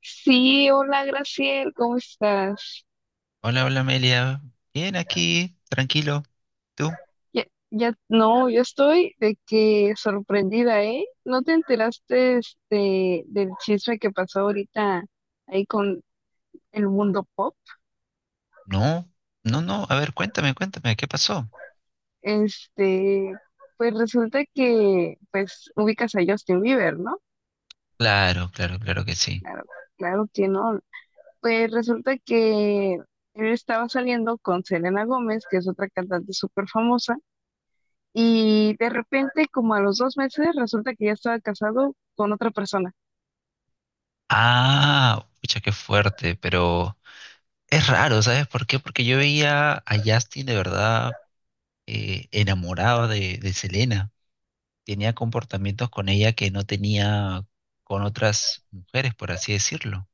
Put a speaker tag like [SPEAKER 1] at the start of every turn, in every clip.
[SPEAKER 1] Sí, hola Graciel, ¿cómo estás?
[SPEAKER 2] Hola, hola Amelia. Bien aquí, tranquilo. ¿Tú?
[SPEAKER 1] Ya, ya, no, yo estoy de que sorprendida, ¿eh? ¿No te enteraste del chisme que pasó ahorita ahí con el mundo pop?
[SPEAKER 2] No, no, no. A ver, cuéntame, ¿qué pasó?
[SPEAKER 1] Este, pues resulta que, pues, ubicas a Justin Bieber, ¿no?
[SPEAKER 2] Claro, claro, claro que sí.
[SPEAKER 1] Claro, claro que no. Pues resulta que él estaba saliendo con Selena Gómez, que es otra cantante súper famosa. Y de repente, como a los 2 meses, resulta que ya estaba casado con otra persona.
[SPEAKER 2] Ah, pucha, qué fuerte, pero es raro, ¿sabes por qué? Porque yo veía a Justin de verdad enamorado de Selena. Tenía comportamientos con ella que no tenía con otras mujeres, por así decirlo.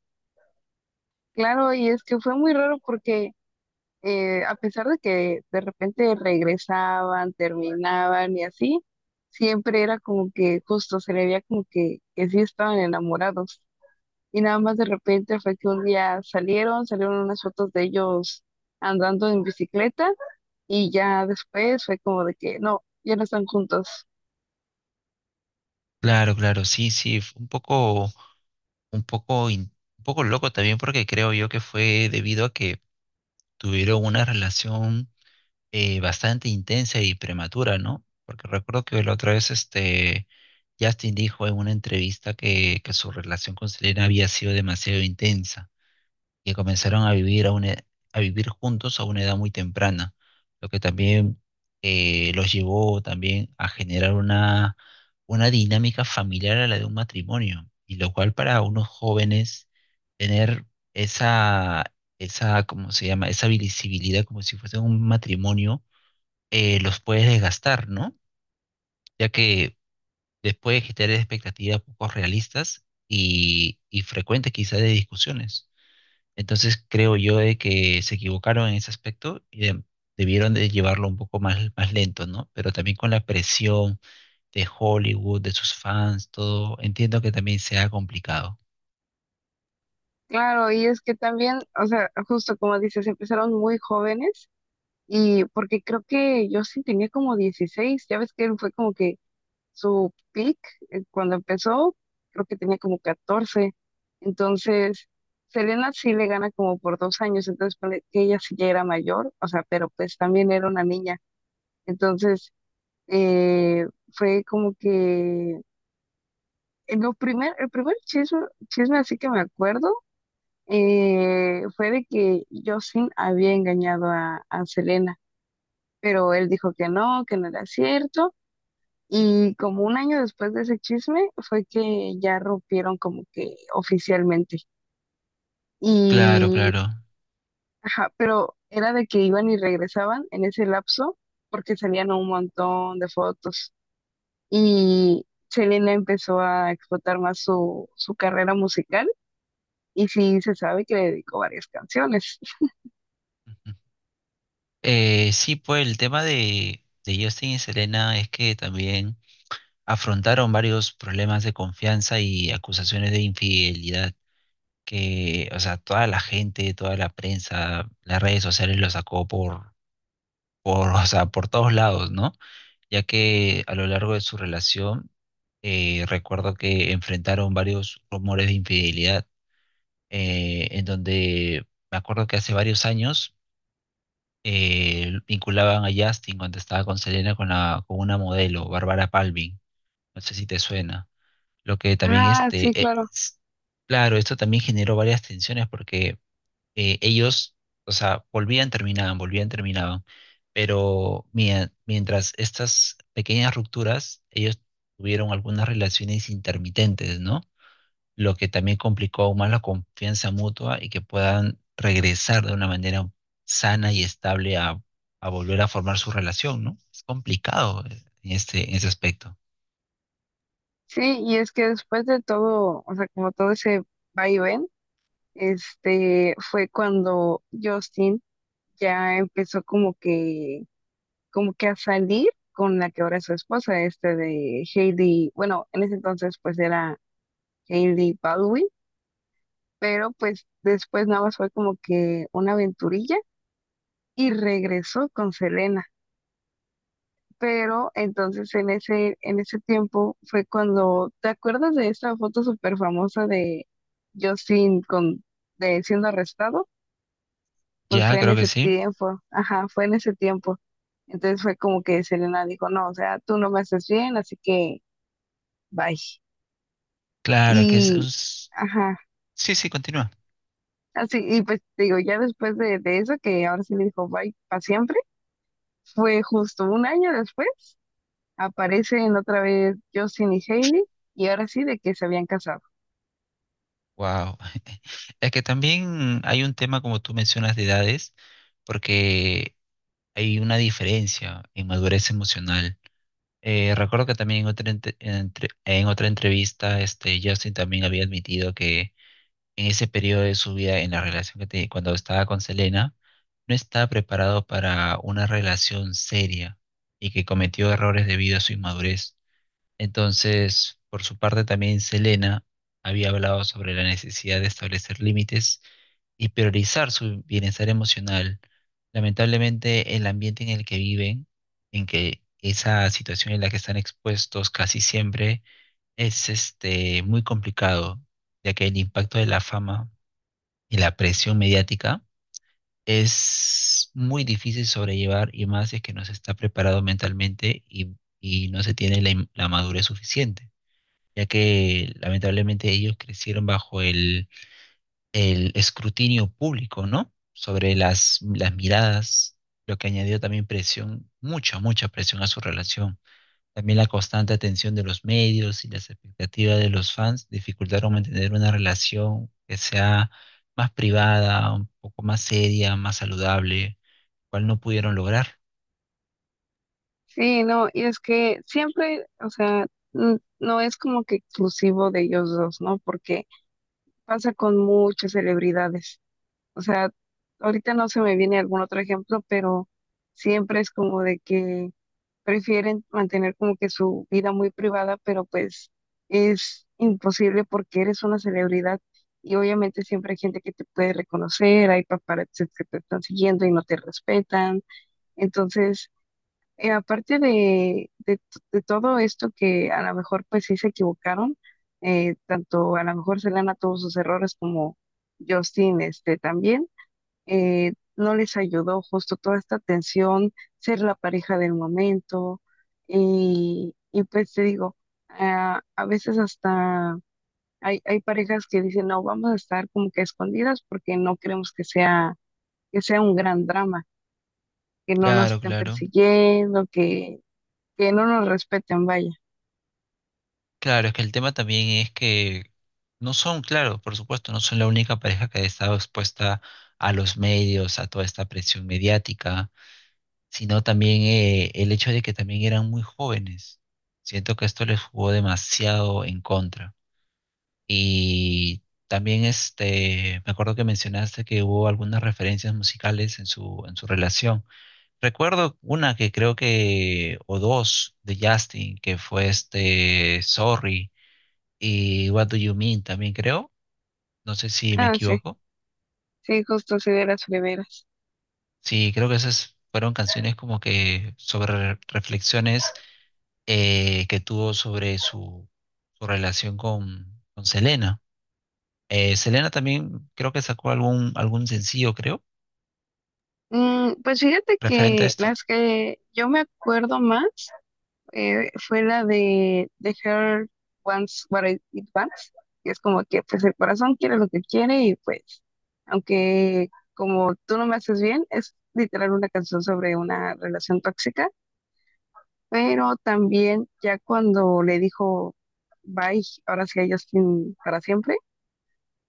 [SPEAKER 1] Claro, y es que fue muy raro porque a pesar de que de repente regresaban, terminaban y así, siempre era como que justo se le veía como que sí estaban enamorados. Y nada más de repente fue que un día salieron unas fotos de ellos andando en bicicleta, y ya después fue como de que no, ya no están juntos.
[SPEAKER 2] Claro, claro, sí, sí, fue un poco, in- un poco loco también porque creo yo que fue debido a que tuvieron una relación bastante intensa y prematura, ¿no? Porque recuerdo que la otra vez Justin dijo en una entrevista que su relación con Selena había sido demasiado intensa, que comenzaron a vivir juntos a una edad muy temprana, lo que también los llevó también a generar una dinámica familiar a la de un matrimonio, y lo cual para unos jóvenes tener esa, esa, ¿cómo se llama? Esa visibilidad como si fuese un matrimonio, los puede desgastar, ¿no? Ya que después de generar expectativas poco realistas y frecuentes quizás de discusiones. Entonces creo yo de que se equivocaron en ese aspecto y debieron de llevarlo más lento, ¿no? Pero también con la presión de Hollywood, de sus fans, todo, entiendo que también sea complicado.
[SPEAKER 1] Claro, y es que también, o sea, justo como dices, empezaron muy jóvenes, y porque creo que yo sí tenía como 16. Ya ves que él fue como que su peak, cuando empezó, creo que tenía como 14. Entonces Selena sí le gana como por 2 años, entonces ponle que ella sí ya era mayor, o sea, pero pues también era una niña. Entonces eh, fue como que el primer chisme así que me acuerdo, fue de que Justin había engañado a Selena, pero él dijo que no era cierto. Y como 1 año después de ese chisme fue que ya rompieron como que oficialmente.
[SPEAKER 2] Claro,
[SPEAKER 1] Y,
[SPEAKER 2] claro.
[SPEAKER 1] ajá, pero era de que iban y regresaban en ese lapso porque salían un montón de fotos. Y Selena empezó a explotar más su carrera musical, y sí se sabe que le dedicó varias canciones.
[SPEAKER 2] Ujú. Sí, pues el tema de Justin y Selena es que también afrontaron varios problemas de confianza y acusaciones de infidelidad, que, o sea, toda la gente, toda la prensa, las redes sociales lo sacó por, o sea, por todos lados, ¿no? Ya que a lo largo de su relación, recuerdo que enfrentaron varios rumores de infidelidad, en donde me acuerdo que hace varios años vinculaban a Justin cuando estaba con Selena con una modelo, Bárbara Palvin, no sé si te suena, lo que también
[SPEAKER 1] Ah, sí, claro.
[SPEAKER 2] claro, esto también generó varias tensiones porque ellos, o sea, volvían, terminaban, pero mientras estas pequeñas rupturas, ellos tuvieron algunas relaciones intermitentes, ¿no? Lo que también complicó aún más la confianza mutua y que puedan regresar de una manera sana y estable a volver a formar su relación, ¿no? Es complicado en ese aspecto.
[SPEAKER 1] Sí, y es que después de todo, o sea, como todo ese vaivén, este, fue cuando Justin ya empezó como que a salir con la que ahora es su esposa, este de Hailey. Bueno, en ese entonces pues era Hailey Baldwin, pero pues después nada más fue como que una aventurilla y regresó con Selena. Pero entonces en en ese tiempo fue cuando, ¿te acuerdas de esa foto súper famosa de Justin con, de siendo arrestado? Pues
[SPEAKER 2] Ya,
[SPEAKER 1] fue en
[SPEAKER 2] creo que
[SPEAKER 1] ese
[SPEAKER 2] sí.
[SPEAKER 1] tiempo, ajá, fue en ese tiempo. Entonces fue como que Selena dijo, no, o sea, tú no me haces bien, así que bye.
[SPEAKER 2] Claro, que
[SPEAKER 1] Y, ajá,
[SPEAKER 2] sí, sí, continúa.
[SPEAKER 1] así, y pues te digo, ya después de eso, que ahora sí le dijo bye para siempre, fue justo 1 año después, aparecen otra vez Justin y Hailey, y ahora sí de que se habían casado.
[SPEAKER 2] Wow. Es que también hay un tema, como tú mencionas, de edades, porque hay una diferencia en madurez emocional. Recuerdo que también en otra entrevista, Justin también había admitido que en ese periodo de su vida, en la relación que tenía cuando estaba con Selena, no estaba preparado para una relación seria y que cometió errores debido a su inmadurez. Entonces, por su parte, también Selena había hablado sobre la necesidad de establecer límites y priorizar su bienestar emocional. Lamentablemente, el ambiente en el que viven, en que esa situación en la que están expuestos casi siempre, es muy complicado, ya que el impacto de la fama y la presión mediática es muy difícil sobrellevar y más si es que no se está preparado mentalmente y no se tiene la madurez suficiente, ya que lamentablemente ellos crecieron bajo el escrutinio público, ¿no? Sobre las miradas, lo que añadió también presión, mucha presión a su relación. También la constante atención de los medios y las expectativas de los fans dificultaron mantener una relación que sea más privada, un poco más seria, más saludable, cual no pudieron lograr.
[SPEAKER 1] Sí, no, y es que siempre, o sea, no es como que exclusivo de ellos dos, ¿no? Porque pasa con muchas celebridades. O sea, ahorita no se me viene algún otro ejemplo, pero siempre es como de que prefieren mantener como que su vida muy privada, pero pues es imposible porque eres una celebridad, y obviamente siempre hay gente que te puede reconocer, hay paparazzis que te están siguiendo y no te respetan. Entonces, aparte de todo esto que a lo mejor pues sí se equivocaron, tanto a lo mejor Selena tuvo sus errores como Justin este también, no les ayudó justo toda esta tensión, ser la pareja del momento, y pues te digo, ah, a veces hasta hay parejas que dicen, no, vamos a estar como que escondidas porque no queremos que sea un gran drama, que no nos
[SPEAKER 2] Claro,
[SPEAKER 1] estén
[SPEAKER 2] claro.
[SPEAKER 1] persiguiendo, que no nos respeten vaya.
[SPEAKER 2] Claro, es que el tema también es que no son, claro, por supuesto, no son la única pareja que ha estado expuesta a los medios, a toda esta presión mediática, sino también el hecho de que también eran muy jóvenes. Siento que esto les jugó demasiado en contra. Y también me acuerdo que mencionaste que hubo algunas referencias musicales en en su relación. Recuerdo una que creo que, o dos, de Justin, que fue Sorry y What Do You Mean también creo, no sé si me
[SPEAKER 1] Ah, sí,
[SPEAKER 2] equivoco.
[SPEAKER 1] sí, justo sí de las preveras.
[SPEAKER 2] Sí, creo que esas fueron canciones como que sobre reflexiones que tuvo sobre su relación con Selena. Selena también creo que sacó algún sencillo, creo,
[SPEAKER 1] Mm, pues fíjate
[SPEAKER 2] referente a
[SPEAKER 1] que
[SPEAKER 2] esto.
[SPEAKER 1] las que yo me acuerdo más fue la de The Heart Wants What It Wants, que es como que pues el corazón quiere lo que quiere, y pues aunque como tú no me haces bien, es literal una canción sobre una relación tóxica. Pero también ya cuando le dijo bye, ahora sí a Justin para siempre,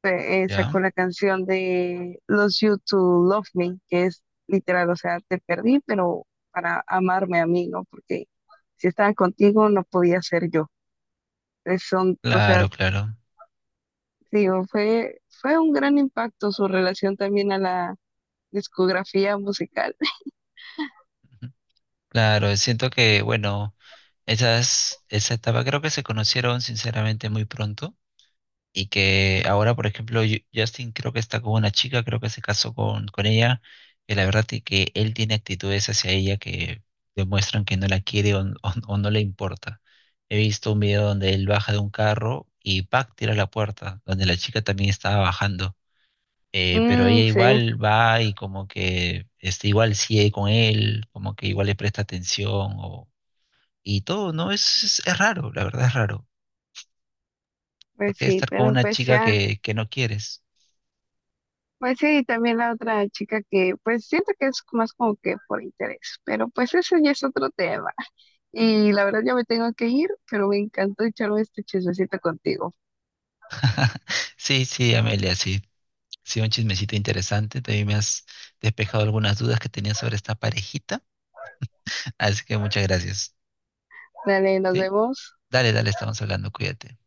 [SPEAKER 1] sacó
[SPEAKER 2] Ya,
[SPEAKER 1] la canción de Los You to Love Me, que es literal, o sea, te perdí, pero para amarme a mí, ¿no? Porque si estaba contigo no podía ser yo. Es son, o sea,
[SPEAKER 2] claro, claro.
[SPEAKER 1] digo, fue un gran impacto su relación también a la discografía musical.
[SPEAKER 2] Ujú. Claro, siento que, bueno, esa etapa creo que se conocieron sinceramente muy pronto y que ahora, por ejemplo, Justin creo que está con una chica, creo que se casó con ella, que la verdad es que él tiene actitudes hacia ella que demuestran que no la quiere o no le importa. He visto un video donde él baja de un carro y ¡pac! Tira la puerta, donde la chica también estaba bajando. Pero
[SPEAKER 1] Mm,
[SPEAKER 2] ella
[SPEAKER 1] sí,
[SPEAKER 2] igual va y como que igual sigue con él, como que igual le presta atención o, y todo, ¿no? Es raro, la verdad es raro.
[SPEAKER 1] pues
[SPEAKER 2] Porque
[SPEAKER 1] sí,
[SPEAKER 2] estar con
[SPEAKER 1] pero
[SPEAKER 2] una
[SPEAKER 1] pues
[SPEAKER 2] chica
[SPEAKER 1] ya,
[SPEAKER 2] que no quieres.
[SPEAKER 1] pues sí, y también la otra chica que pues siento que es más como que por interés, pero pues ese ya es otro tema. Y la verdad ya me tengo que ir, pero me encantó echarme este chismecito contigo.
[SPEAKER 2] Sí, sí, Amelia, sí. Sí, un chismecito interesante. También me has despejado algunas dudas que tenía sobre esta parejita. Así que muchas gracias.
[SPEAKER 1] Dale, nos
[SPEAKER 2] ¿Sí?
[SPEAKER 1] vemos.
[SPEAKER 2] Dale, dale, estamos hablando. Cuídate.